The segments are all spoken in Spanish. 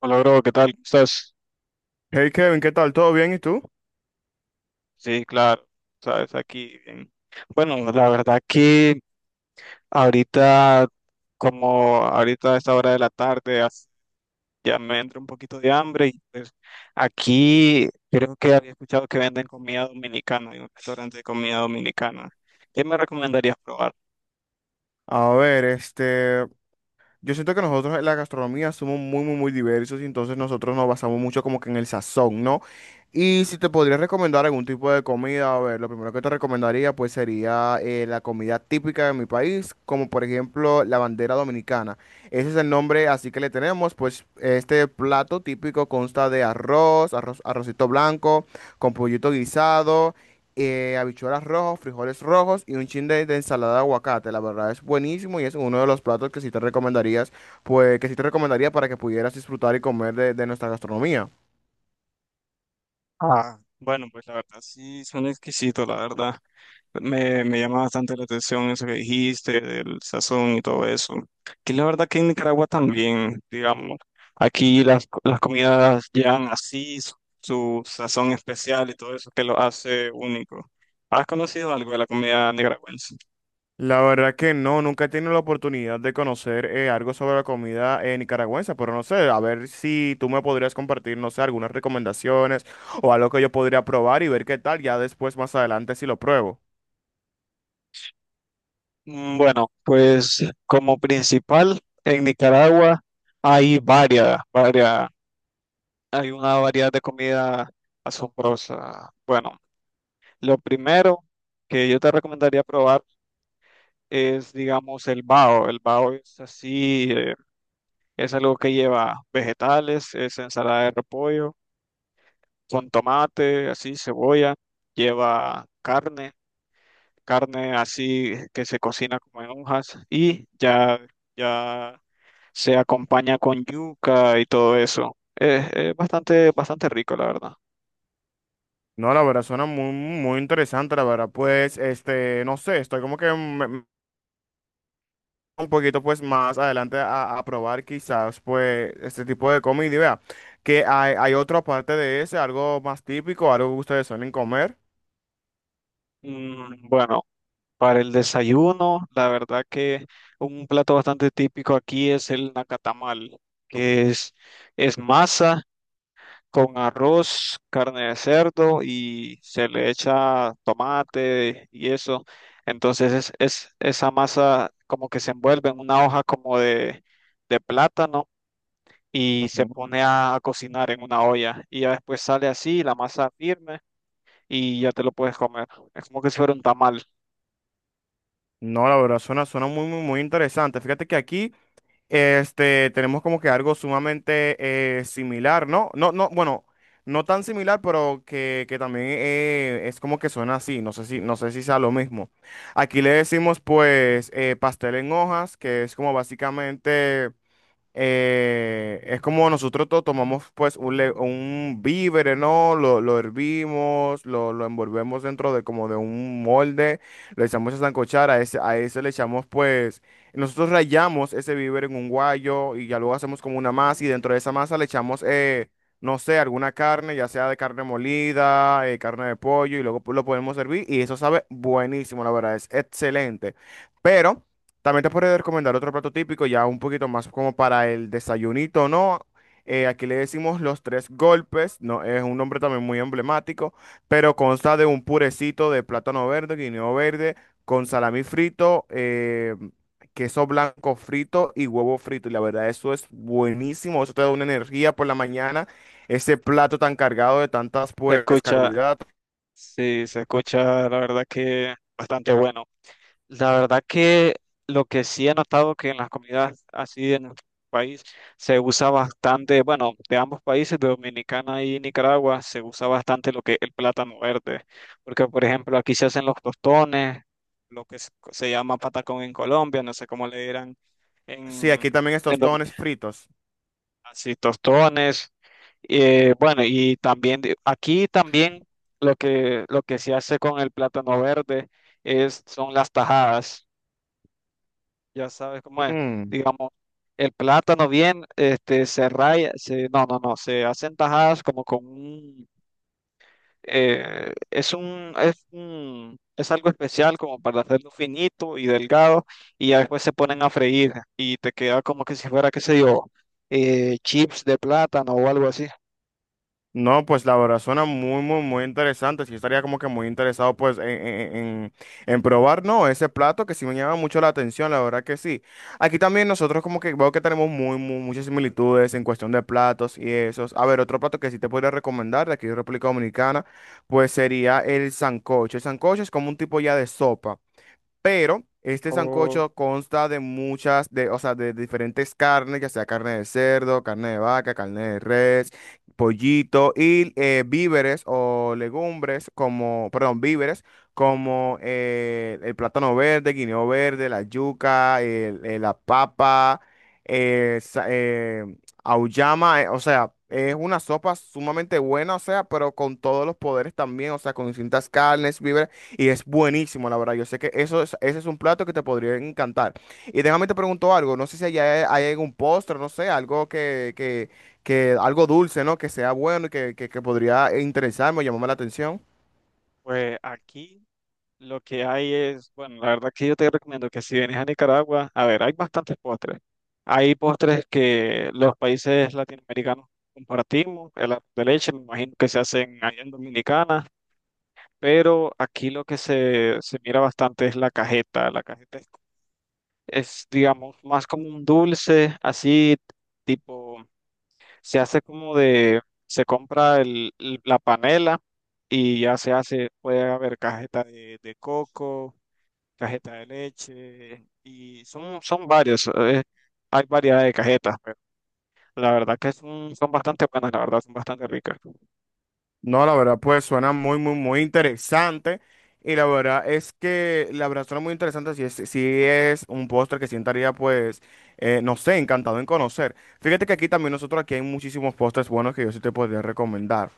Hola, bro, ¿qué tal? ¿Cómo estás? Hey Kevin, ¿qué tal? ¿Todo bien? ¿Y tú? Sí, claro, sabes, aquí bien. Bueno, la verdad que ahorita, como ahorita a esta hora de la tarde, ya me entra un poquito de hambre y pues aquí creo que había escuchado que venden comida dominicana, hay un restaurante de comida dominicana. ¿Qué me recomendarías probar? A ver, este, yo siento que nosotros en la gastronomía somos muy, muy, muy diversos y entonces nosotros nos basamos mucho como que en el sazón, ¿no? Y si te podría recomendar algún tipo de comida, a ver, lo primero que te recomendaría pues sería la comida típica de mi país, como por ejemplo la bandera dominicana. Ese es el nombre así que le tenemos, pues este plato típico consta de arrocito blanco, con pollito guisado. Habichuelas rojas, frijoles rojos y un chin de ensalada de aguacate. La verdad es buenísimo y es uno de los platos que sí te recomendarías, pues que sí te recomendaría para que pudieras disfrutar y comer de nuestra gastronomía. Ah, bueno, pues la verdad sí, son exquisitos, la verdad. Me llama bastante la atención eso que dijiste, del sazón y todo eso. Que la verdad que en Nicaragua también, digamos, aquí las comidas llevan así su, su sazón especial y todo eso que lo hace único. ¿Has conocido algo de la comida nicaragüense? La verdad que no, nunca he tenido la oportunidad de conocer algo sobre la comida nicaragüense, pero no sé, a ver si tú me podrías compartir, no sé, algunas recomendaciones o algo que yo podría probar y ver qué tal, ya después más adelante si lo pruebo. Mm, bueno, pues como principal en Nicaragua hay varias, hay una variedad de comida asombrosa. Bueno, lo primero que yo te recomendaría probar es, digamos, el bao. El bao es así, es algo que lleva vegetales, es ensalada de repollo, con tomate, así, cebolla, lleva carne, carne así que se cocina como en hojas y ya se acompaña con yuca y todo eso. Es bastante, bastante rico, la verdad. No, la verdad suena muy, muy interesante, la verdad, pues, este, no sé, estoy como que me, un poquito pues más adelante a probar quizás pues este tipo de comida y vea que hay otra parte de ese, algo más típico, algo que ustedes suelen comer. Mm, bueno. Para el desayuno, la verdad que un plato bastante típico aquí es el nacatamal, que es masa con arroz, carne de cerdo y se le echa tomate y eso. Entonces es, esa masa como que se envuelve en una hoja como de plátano y se Ujú. pone a cocinar en una olla. Y ya después sale así, la masa firme y ya te lo puedes comer. Es como que si fuera un tamal. No, la verdad suena, suena muy, muy, muy interesante. Fíjate que aquí este, tenemos como que algo sumamente similar, ¿no? No, no, bueno, no tan similar, pero que, también es como que suena así. No sé si, no sé si sea lo mismo. Aquí le decimos pues pastel en hojas, que es como básicamente... es como nosotros tomamos pues un, un víver, ¿no? Lo hervimos, lo envolvemos dentro de como de un molde, lo echamos a sancochar, a ese le echamos pues, nosotros rayamos ese víver en un guayo y ya luego hacemos como una masa y dentro de esa masa le echamos, no sé, alguna carne, ya sea de carne molida, carne de pollo y luego pues, lo podemos servir y eso sabe buenísimo, la verdad, es excelente. Pero... también te podría recomendar otro plato típico, ya un poquito más como para el desayunito, ¿no? Aquí le decimos los tres golpes, ¿no? Es un nombre también muy emblemático, pero consta de un purecito de plátano verde, guineo verde, con salami frito, queso blanco frito y huevo frito. Y la verdad, eso es buenísimo, eso te da una energía por la mañana, ese plato tan cargado de tantas, Se pues, escucha, carbohidratos. sí, se escucha, la verdad que bastante bueno. La verdad que lo que sí he notado que en las comunidades así en nuestro país se usa bastante, bueno, de ambos países, de Dominicana y Nicaragua, se usa bastante lo que es el plátano verde, porque por ejemplo aquí se hacen los tostones, lo que se llama patacón en Colombia, no sé cómo le dirán Sí, en, aquí también en estos tostones fritos. así, tostones. Bueno, y también aquí también lo que se hace con el plátano verde es, son las tajadas. Ya sabes cómo es. Mm. Digamos, el plátano bien, este, se raya, se, no, no, no, se hacen tajadas como con un, es un, es un, es algo especial como para hacerlo finito y delgado y ya después se ponen a freír y te queda como que si fuera, qué sé yo, chips de plátano o algo así. No, pues la verdad suena muy, muy, muy interesante. Sí estaría como que muy interesado pues en, en probar, ¿no? Ese plato que sí me llama mucho la atención, la verdad que sí. Aquí también nosotros como que veo que tenemos muy, muy, muchas similitudes en cuestión de platos y esos. A ver, otro plato que sí te podría recomendar de aquí de República Dominicana, pues sería el sancocho. El sancocho es como un tipo ya de sopa. Pero este Oh, sancocho consta de muchas, de, o sea, de diferentes carnes, ya sea carne de cerdo, carne de vaca, carne de res, pollito y víveres o legumbres como, perdón, víveres como el plátano verde, guineo verde, la yuca, la papa, eh, sa- eh, auyama, o sea, es una sopa sumamente buena, o sea, pero con todos los poderes también, o sea, con distintas carnes, víveres y es buenísimo, la verdad. Yo sé que ese es un plato que te podría encantar. Y déjame te pregunto algo, no sé si allá hay algún postre, no sé, algo que, que algo dulce, ¿no? Que sea bueno y que, que podría interesarme o llamarme la atención. pues aquí lo que hay es, bueno, la verdad que yo te recomiendo que si vienes a Nicaragua, a ver, hay bastantes postres. Hay postres que los países latinoamericanos compartimos, el arroz de leche, me imagino que se hacen allá en Dominicana, pero aquí lo que se mira bastante es la cajeta. La cajeta es, digamos, más como un dulce, así tipo. Se hace como de, se compra el, la panela y ya se hace, puede haber cajeta de coco, cajeta de leche y son, son varios, hay variedad de cajetas, pero la verdad que son, son bastante buenas, la verdad, son bastante ricas. No, la verdad, pues suena muy, muy, muy interesante. Y la verdad es que, la verdad suena muy interesante. Si es, si es un postre que sientaría, pues, no sé, encantado en conocer. Fíjate que aquí también nosotros, aquí hay muchísimos postres buenos que yo sí te podría recomendar.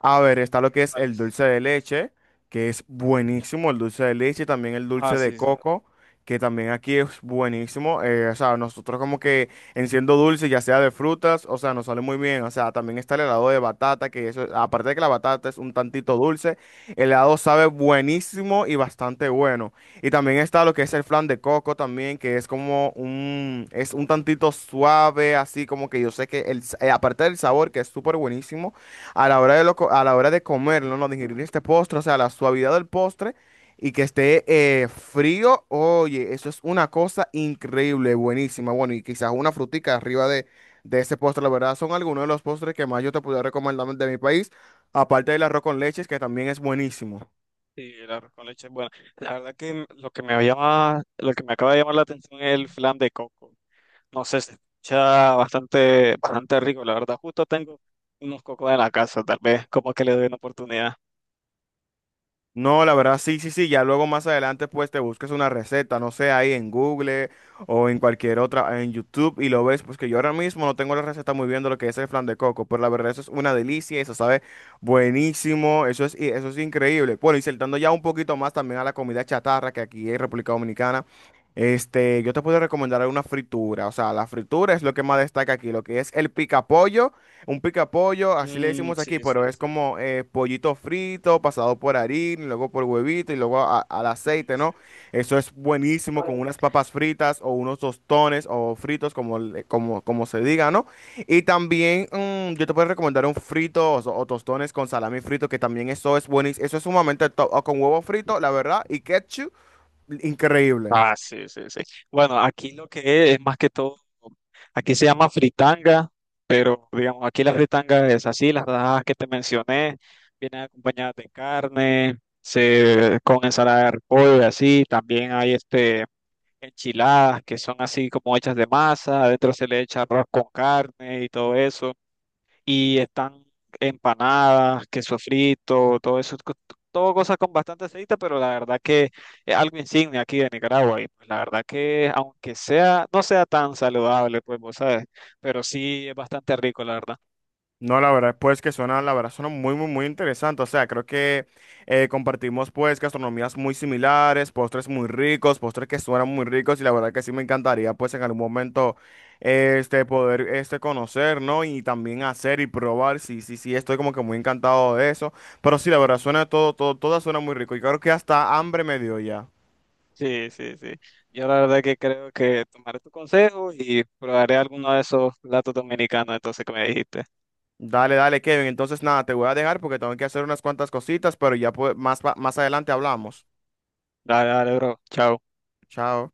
A ver, está lo que es el Vales. dulce de leche, que es buenísimo, el dulce de leche, y también el Ah, dulce de sí, sí. coco, que también aquí es buenísimo. O sea, nosotros como que en siendo dulce, ya sea de frutas, o sea, nos sale muy bien. O sea, también está el helado de batata, que eso, aparte de que la batata es un tantito dulce, el helado sabe buenísimo y bastante bueno. Y también está lo que es el flan de coco también, que es como un, es un tantito suave, así como que yo sé que el, aparte del sabor, que es súper buenísimo, a la hora de a la hora de comerlo, no digerir este postre, o sea, la suavidad del postre y que esté frío, oye, eso es una cosa increíble, buenísima. Bueno, y quizás una frutica arriba de ese postre, la verdad, son algunos de los postres que más yo te pudiera recomendar de mi país, aparte del arroz con leches, que también es buenísimo. Sí, el arroz con leche es bueno. La verdad que lo que me llama, lo que me acaba de llamar la atención es el flan de coco. No sé, se escucha bastante, bastante rico, la verdad. Justo tengo unos cocos en la casa, tal vez, como que le doy una oportunidad. No, la verdad, sí, sí, sí. Ya luego más adelante, pues te busques una receta, no sé, ahí en Google o en cualquier otra, en YouTube, y lo ves. Pues que yo ahora mismo no tengo la receta muy bien de lo que es el flan de coco, pero la verdad, eso es una delicia, eso sabe buenísimo, eso es, y eso es increíble. Bueno, y saltando ya un poquito más también a la comida chatarra que aquí en República Dominicana. Este, yo te puedo recomendar una fritura, o sea, la fritura es lo que más destaca aquí, lo que es el picapollo un pica pollo así le Mm, decimos aquí, sí, pero sí, es sí, como pollito frito, pasado por harina, y luego por huevito y luego al sí, aceite, sí, ¿no? sí. Eso es buenísimo con unas papas fritas o unos tostones o fritos, como, como, como se diga, ¿no? Y también yo te puedo recomendar un frito o, o tostones con salami frito, que también eso es buenísimo, eso es sumamente top, o con huevo frito, la verdad, y ketchup, increíble. Ah, sí, sí, sí. Bueno, aquí lo que es más que todo, aquí se llama fritanga, pero digamos, aquí la fritanga es así, las rajas que te mencioné, vienen acompañadas de carne, se, con ensalada de repollo y así, también hay este... enchiladas que son así como hechas de masa, adentro se le echa arroz con carne y todo eso, y están empanadas, queso frito, todo eso, todo cosas con bastante aceite, pero la verdad que es algo insignia aquí de Nicaragua, y pues la verdad que aunque sea, no sea tan saludable, pues vos sabes, pero sí es bastante rico, la verdad. No, la verdad, pues que suena, la verdad, suena muy, muy, muy interesante. O sea, creo que compartimos pues gastronomías muy similares, postres muy ricos, postres que suenan muy ricos y la verdad que sí me encantaría pues en algún momento este poder este conocer, ¿no? Y también hacer y probar. Sí, sí, sí, estoy como que muy encantado de eso. Pero sí, la verdad, suena todo, todo, todo suena muy rico y creo que hasta hambre me dio ya. Sí, sí, sí. Yo la verdad que creo que tomaré tu consejo y probaré alguno de esos platos dominicanos entonces que me dijiste. Dale, dale, Kevin. Entonces nada, te voy a dejar porque tengo que hacer unas cuantas cositas, pero ya pues, más, más adelante hablamos. Dale, dale, bro. Chao. Chao.